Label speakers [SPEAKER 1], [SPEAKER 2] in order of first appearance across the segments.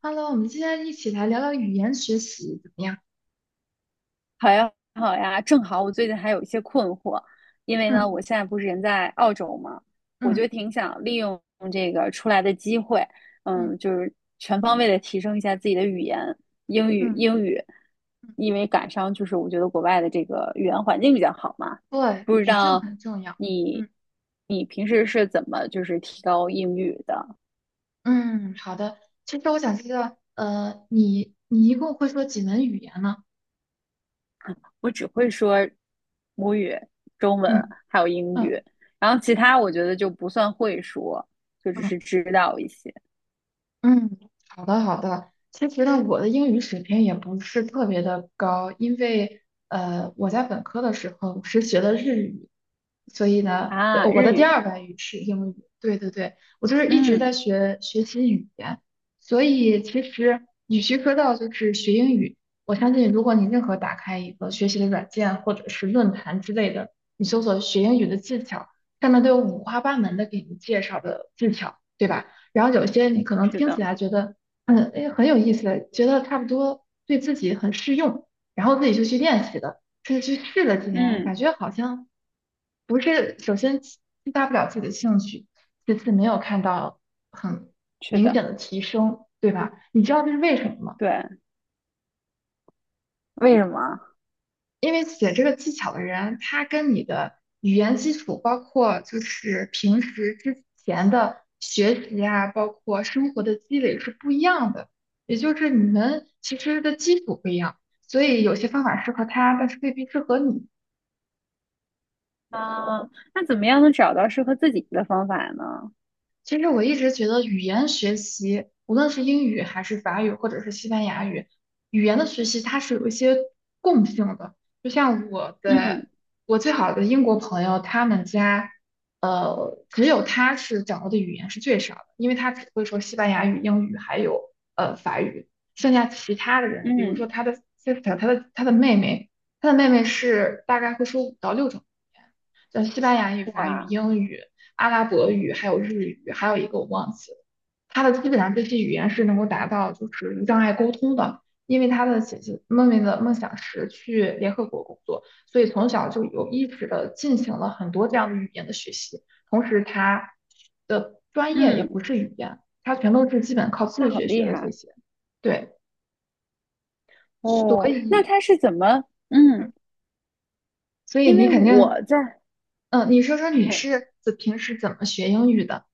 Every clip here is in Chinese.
[SPEAKER 1] Hello，我们今天一起来聊聊语言学习怎么样？
[SPEAKER 2] 好呀，好呀，正好我最近还有一些困惑，因为呢，
[SPEAKER 1] 嗯。
[SPEAKER 2] 我现在不是人在澳洲嘛，我就
[SPEAKER 1] 嗯。
[SPEAKER 2] 挺想利用这个出来的机会，
[SPEAKER 1] 嗯。
[SPEAKER 2] 就是全方位的提升一下自己的语言，英语，
[SPEAKER 1] 嗯。
[SPEAKER 2] 英语，
[SPEAKER 1] 嗯。
[SPEAKER 2] 因为赶上就是我觉得国外的这个语言环境比较好嘛，
[SPEAKER 1] 对，
[SPEAKER 2] 不知
[SPEAKER 1] 语境
[SPEAKER 2] 道
[SPEAKER 1] 很重要。
[SPEAKER 2] 你
[SPEAKER 1] 嗯。
[SPEAKER 2] 你平时是怎么就是提高英语的？
[SPEAKER 1] 嗯，好的。其实我想知道，你一共会说几门语言呢？
[SPEAKER 2] 我只会说母语、中文
[SPEAKER 1] 嗯。
[SPEAKER 2] 还有英语，
[SPEAKER 1] 嗯。
[SPEAKER 2] 然后其他我觉得就不算会说，就只
[SPEAKER 1] 嗯。
[SPEAKER 2] 是知道一些
[SPEAKER 1] 嗯，好的好的。其实呢，我的英语水平也不是特别的高，因为我在本科的时候是学的日语，所以呢，对
[SPEAKER 2] 啊。
[SPEAKER 1] 我的
[SPEAKER 2] 日
[SPEAKER 1] 第
[SPEAKER 2] 语，
[SPEAKER 1] 二外语是英语。对对对，我就是一直
[SPEAKER 2] 嗯，
[SPEAKER 1] 在学习语言，所以其实与其说到就是学英语，我相信如果你任何打开一个学习的软件或者是论坛之类的，你搜索学英语的技巧，上面都有五花八门的给你介绍的技巧，对吧？然后有些你可能
[SPEAKER 2] 是
[SPEAKER 1] 听起
[SPEAKER 2] 的，
[SPEAKER 1] 来觉得，嗯，哎，很有意思，觉得差不多对自己很适用，然后自己就去练习了，是去试了几年，
[SPEAKER 2] 嗯，
[SPEAKER 1] 感觉好像不是，首先激发不了自己的兴趣，其次没有看到很
[SPEAKER 2] 是
[SPEAKER 1] 明
[SPEAKER 2] 的，
[SPEAKER 1] 显的提升，对吧？你知道这是为什么吗？
[SPEAKER 2] 对，为什么
[SPEAKER 1] 因为写这个技巧的人，他跟你的语言基础，包括就是平时之前的学习啊，包括生活的积累是不一样的，也就是你们其实的基础不一样，所以有些方法适合他，但是未必适合你。
[SPEAKER 2] 啊？那怎么样能找到适合自己的方法呢？
[SPEAKER 1] 其实我一直觉得语言学习，无论是英语还是法语或者是西班牙语，语言的学习它是有一些共性的。就像
[SPEAKER 2] 嗯
[SPEAKER 1] 我最好的英国朋友，他们家只有他是掌握的语言是最少的，因为他只会说西班牙语、英语还有法语，剩下其他的人，比如说
[SPEAKER 2] 嗯，
[SPEAKER 1] 他的 sister，他的妹妹，他的妹妹是大概会说5到6种语言，像西班牙语、法语、
[SPEAKER 2] 哇，
[SPEAKER 1] 英语。阿拉伯语，还有日语，还有一个我忘记了。他的基本上这些语言是能够达到就是无障碍沟通的，因为他的姐姐妹妹的梦想是去联合国工作，所以从小就有意识的进行了很多这样的语言的学习。同时，他的专业也不
[SPEAKER 2] 嗯，
[SPEAKER 1] 是语言，他全都是基本靠自
[SPEAKER 2] 那好
[SPEAKER 1] 学学
[SPEAKER 2] 厉
[SPEAKER 1] 的这
[SPEAKER 2] 害
[SPEAKER 1] 些。对，所
[SPEAKER 2] 哦。那
[SPEAKER 1] 以，
[SPEAKER 2] 他是怎么？嗯，
[SPEAKER 1] 嗯，所以
[SPEAKER 2] 因
[SPEAKER 1] 你
[SPEAKER 2] 为
[SPEAKER 1] 肯定，
[SPEAKER 2] 我在。
[SPEAKER 1] 嗯，你说说
[SPEAKER 2] 嘿
[SPEAKER 1] 你
[SPEAKER 2] 嘿。
[SPEAKER 1] 是平时怎么学英语的？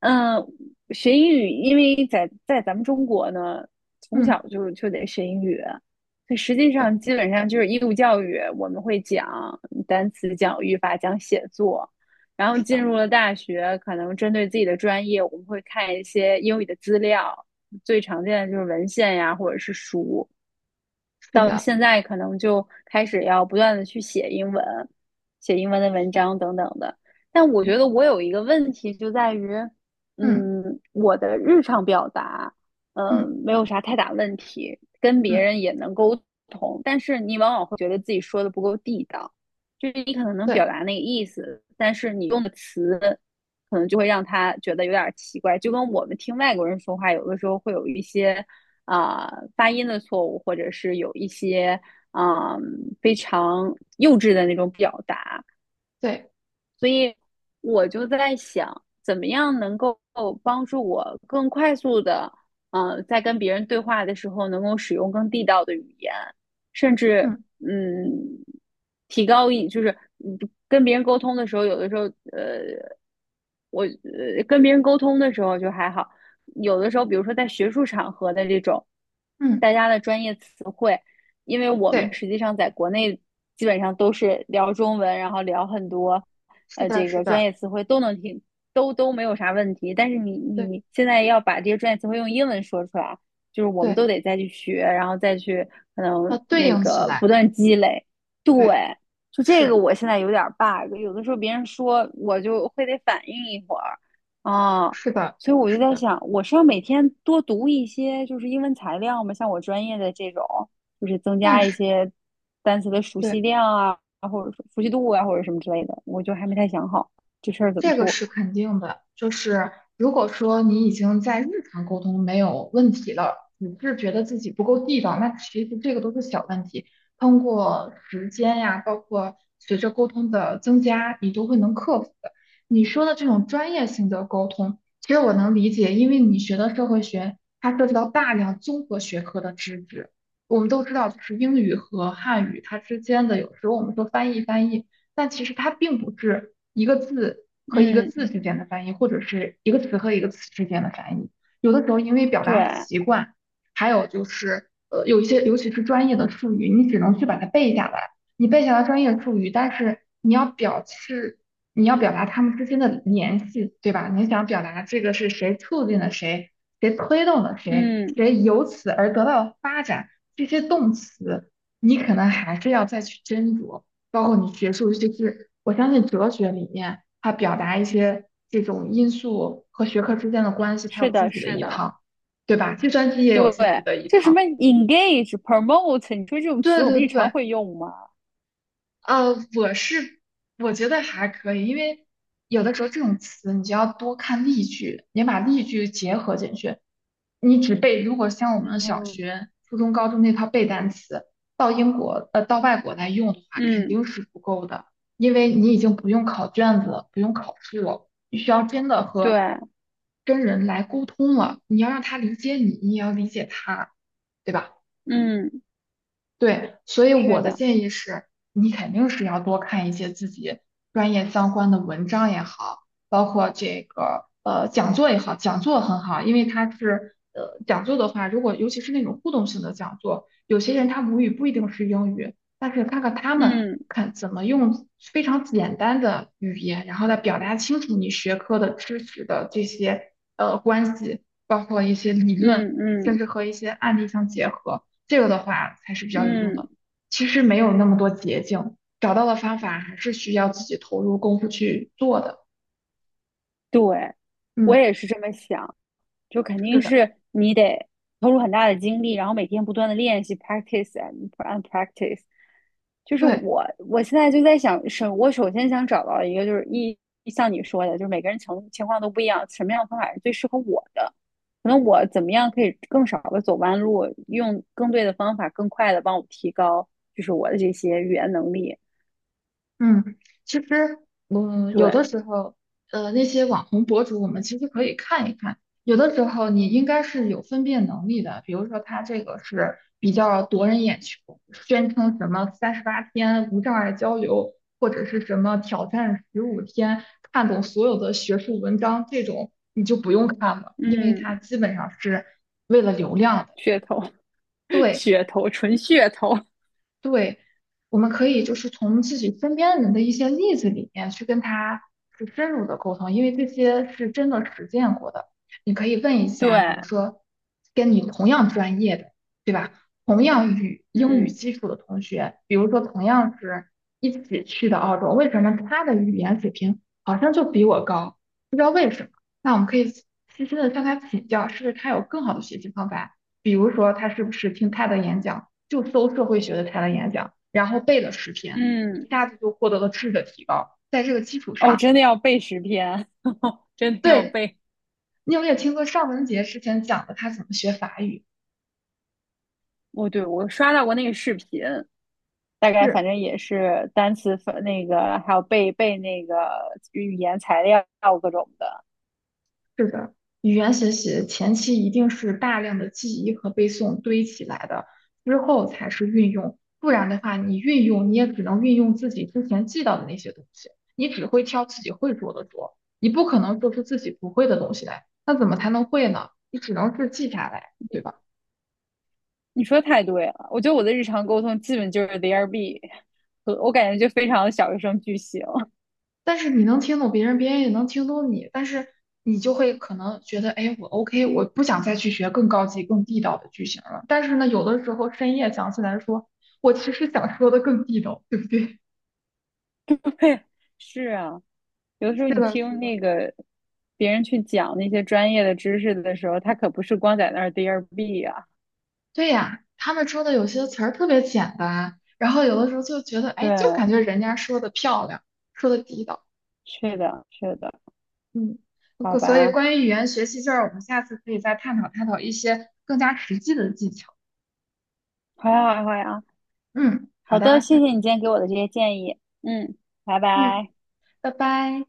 [SPEAKER 2] 嗯，学英语，因为在咱们中国呢，从小
[SPEAKER 1] 嗯，
[SPEAKER 2] 就得学英语，所以实际
[SPEAKER 1] 对，
[SPEAKER 2] 上基本上就是义务教育，我们会讲单词、讲语法、讲写作，然后
[SPEAKER 1] 是
[SPEAKER 2] 进
[SPEAKER 1] 的，
[SPEAKER 2] 入了大学，可能针对自己的专业，我们会看一些英语的资料，最常见的就是文献呀，或者是书，
[SPEAKER 1] 是
[SPEAKER 2] 到
[SPEAKER 1] 的，
[SPEAKER 2] 现在可能就开始要不断的去写英文，写英文的
[SPEAKER 1] 是
[SPEAKER 2] 文
[SPEAKER 1] 的，
[SPEAKER 2] 章等等的。但我觉
[SPEAKER 1] 对。
[SPEAKER 2] 得我有一个问题就在于，
[SPEAKER 1] 嗯。
[SPEAKER 2] 我的日常表达，
[SPEAKER 1] 嗯。
[SPEAKER 2] 没有啥太大问题，跟别
[SPEAKER 1] 嗯，
[SPEAKER 2] 人也能沟通，但是你往往会觉得自己说的不够地道，就是你可能能表
[SPEAKER 1] 对
[SPEAKER 2] 达那个意思，但是你用的词可能就会让他觉得有点奇怪，就跟我们听外国人说话，有的时候会有一些。发音的错误，或者是有一些嗯、呃非常幼稚的那种表达。
[SPEAKER 1] 对，
[SPEAKER 2] 所以我就在想，怎么样能够帮助我更快速的，在跟别人对话的时候，能够使用更地道的语言，甚至
[SPEAKER 1] 嗯。
[SPEAKER 2] 嗯，提高一就是嗯跟别人沟通的时候，有的时候呃，我跟别人沟通的时候就还好，有的时候，比如说在学术场合的这种
[SPEAKER 1] 嗯
[SPEAKER 2] 大家的专业词汇，因为我们
[SPEAKER 1] 对，
[SPEAKER 2] 实际上在国内基本上都是聊中文，然后聊很多
[SPEAKER 1] 是的，
[SPEAKER 2] 这
[SPEAKER 1] 是
[SPEAKER 2] 个专
[SPEAKER 1] 的，
[SPEAKER 2] 业词汇都能听，都没有啥问题。但是你
[SPEAKER 1] 对
[SPEAKER 2] 你现在要把这些专业词汇用英文说出来，就是我们
[SPEAKER 1] 对，
[SPEAKER 2] 都得再去学，然后再去可
[SPEAKER 1] 要
[SPEAKER 2] 能
[SPEAKER 1] 对
[SPEAKER 2] 那
[SPEAKER 1] 应起
[SPEAKER 2] 个
[SPEAKER 1] 来，
[SPEAKER 2] 不断积累。对，
[SPEAKER 1] 对，
[SPEAKER 2] 就这个
[SPEAKER 1] 是
[SPEAKER 2] 我现在有点 bug，有的时候别人说我就会得反应一会儿啊。
[SPEAKER 1] 是的，
[SPEAKER 2] 所以我就
[SPEAKER 1] 是
[SPEAKER 2] 在
[SPEAKER 1] 的，
[SPEAKER 2] 想，我是要每天多读一些就是英文材料吗？像我专业的这种，就是增
[SPEAKER 1] 那
[SPEAKER 2] 加一
[SPEAKER 1] 是
[SPEAKER 2] 些单词的熟
[SPEAKER 1] 对。
[SPEAKER 2] 悉量啊，或者说熟悉度啊，或者什么之类的，我就还没太想好这事儿怎么
[SPEAKER 1] 这个
[SPEAKER 2] 做。
[SPEAKER 1] 是肯定的，就是如果说你已经在日常沟通没有问题了，只是觉得自己不够地道，那其实这个都是小问题。通过时间呀，包括随着沟通的增加，你都会能克服的。你说的这种专业性的沟通，其实我能理解，因为你学的社会学，它涉及到大量综合学科的知识。我们都知道，就是英语和汉语它之间的，有时候我们说翻译翻译。但其实它并不是一个字和一个
[SPEAKER 2] 嗯，
[SPEAKER 1] 字之间的翻译，或者是一个词和一个词之间的翻译。有的时候因为表达
[SPEAKER 2] 对，
[SPEAKER 1] 习惯，还有就是有一些尤其是专业的术语，你只能去把它背下来。你背下来专业术语，但是你要表达它们之间的联系，对吧？你想表达这个是谁促进了谁，谁推动了谁，
[SPEAKER 2] 嗯，
[SPEAKER 1] 谁由此而得到了发展，这些动词你可能还是要再去斟酌。包括你学术，就是我相信哲学里面，它表达一些这种因素和学科之间的关系，它
[SPEAKER 2] 是
[SPEAKER 1] 有自
[SPEAKER 2] 的，
[SPEAKER 1] 己的
[SPEAKER 2] 是
[SPEAKER 1] 一
[SPEAKER 2] 的，
[SPEAKER 1] 套，对吧？计算机也
[SPEAKER 2] 对，
[SPEAKER 1] 有自己的一
[SPEAKER 2] 就什
[SPEAKER 1] 套。
[SPEAKER 2] 么 engage、promote，你说这种词
[SPEAKER 1] 对
[SPEAKER 2] 我
[SPEAKER 1] 对
[SPEAKER 2] 们日常
[SPEAKER 1] 对，
[SPEAKER 2] 会用吗？
[SPEAKER 1] 呃，我是我觉得还可以，因为有的时候这种词你就要多看例句，也把例句结合进去。你只背，如果像我们
[SPEAKER 2] 嗯
[SPEAKER 1] 小
[SPEAKER 2] 哼
[SPEAKER 1] 学、初中、高中那套背单词，到英国呃到外国来用的话，肯
[SPEAKER 2] 嗯，
[SPEAKER 1] 定是不够的，因为你已经不用考卷子了，不用考试了，你需要真的
[SPEAKER 2] 对，
[SPEAKER 1] 跟人来沟通了，你要让他理解你，你也要理解他，对吧？
[SPEAKER 2] 嗯，
[SPEAKER 1] 对，所以
[SPEAKER 2] 是
[SPEAKER 1] 我的
[SPEAKER 2] 的，
[SPEAKER 1] 建议是，你肯定是要多看一些自己专业相关的文章也好，包括这个讲座也好，讲座很好，因为它是讲座的话，如果尤其是那种互动性的讲座，有些人他母语不一定是英语，但是看看他们
[SPEAKER 2] 嗯
[SPEAKER 1] 看怎么用非常简单的语言，然后来表达清楚你学科的知识的这些关系，包括一些理论，
[SPEAKER 2] 嗯
[SPEAKER 1] 甚
[SPEAKER 2] 嗯
[SPEAKER 1] 至和一些案例相结合。这个的话才是比较有用
[SPEAKER 2] 嗯，
[SPEAKER 1] 的。其实没有那么多捷径，找到的方法还是需要自己投入功夫去做的。
[SPEAKER 2] 对，我
[SPEAKER 1] 嗯，
[SPEAKER 2] 也是这么想。就肯
[SPEAKER 1] 是
[SPEAKER 2] 定
[SPEAKER 1] 的，
[SPEAKER 2] 是你得投入很大的精力，然后每天不断的练习，practice and practice。就是
[SPEAKER 1] 对。
[SPEAKER 2] 我，我现在就在想，是，我首先想找到一个，就是一像你说的，就是每个人情况都不一样，什么样的方法是最适合我的？可能我怎么样可以更少的走弯路，用更对的方法，更快的帮我提高，就是我的这些语言能力。
[SPEAKER 1] 嗯，其实嗯，有的
[SPEAKER 2] 对，
[SPEAKER 1] 时候，那些网红博主，我们其实可以看一看。有的时候你应该是有分辨能力的，比如说他这个是比较夺人眼球，宣称什么38天无障碍交流，或者是什么挑战15天看懂所有的学术文章，这种你就不用看了，因为它
[SPEAKER 2] 嗯，
[SPEAKER 1] 基本上是为了流量的。
[SPEAKER 2] 噱头，
[SPEAKER 1] 对，
[SPEAKER 2] 噱头，纯噱头。
[SPEAKER 1] 对，我们可以就是从自己身边人的一些例子里面去跟他去深入的沟通，因为这些是真的实践过的。你可以问一下，比
[SPEAKER 2] 对，
[SPEAKER 1] 如说跟你同样专业的，对吧？同样英语
[SPEAKER 2] 嗯
[SPEAKER 1] 基础的同学，比如说同样是一起去的澳洲，为什么他的语言水平好像就比我高？不知道为什么。那我们可以细心的向他请教，是不是他有更好的学习方法？比如说他是不是听他的演讲？就搜社会学的材料演讲，然后背了10篇，
[SPEAKER 2] 嗯。
[SPEAKER 1] 一下子就获得了质的提高。在这个基础
[SPEAKER 2] 哦，
[SPEAKER 1] 上，
[SPEAKER 2] 真的要背10篇，真的要
[SPEAKER 1] 对
[SPEAKER 2] 背。
[SPEAKER 1] 你有没有听过尚雯婕之前讲的她怎么学法语？
[SPEAKER 2] 哦，对，我刷到过那个视频，大概反
[SPEAKER 1] 是
[SPEAKER 2] 正也是单词分那个，还有背那个语言材料各种的。
[SPEAKER 1] 是的，语言学习前期一定是大量的记忆和背诵堆起来的，之后才是运用。不然的话，你运用你也只能运用自己之前记到的那些东西，你只会挑自己会做的说，你不可能做出自己不会的东西来。那怎么才能会呢？你只能是记下来，对
[SPEAKER 2] 你
[SPEAKER 1] 吧？
[SPEAKER 2] 你说太对了，我觉得我的日常沟通基本就是 there be，和我感觉就非常的小学生句型。
[SPEAKER 1] 但是你能听懂别人，别人也能听懂你，但是你就会可能觉得，哎，我 OK，我不想再去学更高级、更地道的句型了。但是呢，有的时候深夜想起来说，我其实想说的更地道，对不对？
[SPEAKER 2] 是啊，有的时
[SPEAKER 1] 是
[SPEAKER 2] 候你
[SPEAKER 1] 的，是
[SPEAKER 2] 听
[SPEAKER 1] 的，
[SPEAKER 2] 那个别人去讲那些专业的知识的时候，他可不是光在那儿 there be 啊。
[SPEAKER 1] 对呀，他们说的有些词儿特别简单，然后有的时候就觉得，哎，就感
[SPEAKER 2] 对，
[SPEAKER 1] 觉人家说的漂亮，说的地道，
[SPEAKER 2] 是的，是的，
[SPEAKER 1] 嗯，
[SPEAKER 2] 好
[SPEAKER 1] 可所以
[SPEAKER 2] 吧，
[SPEAKER 1] 关于语言学习就是我们下次可以再探讨探讨一些更加实际的技巧。
[SPEAKER 2] 好呀，好呀。
[SPEAKER 1] 嗯，好
[SPEAKER 2] 好
[SPEAKER 1] 的，
[SPEAKER 2] 的，谢
[SPEAKER 1] 那
[SPEAKER 2] 谢你今天给我的这些建议。嗯，拜
[SPEAKER 1] 嗯，
[SPEAKER 2] 拜。
[SPEAKER 1] 拜拜。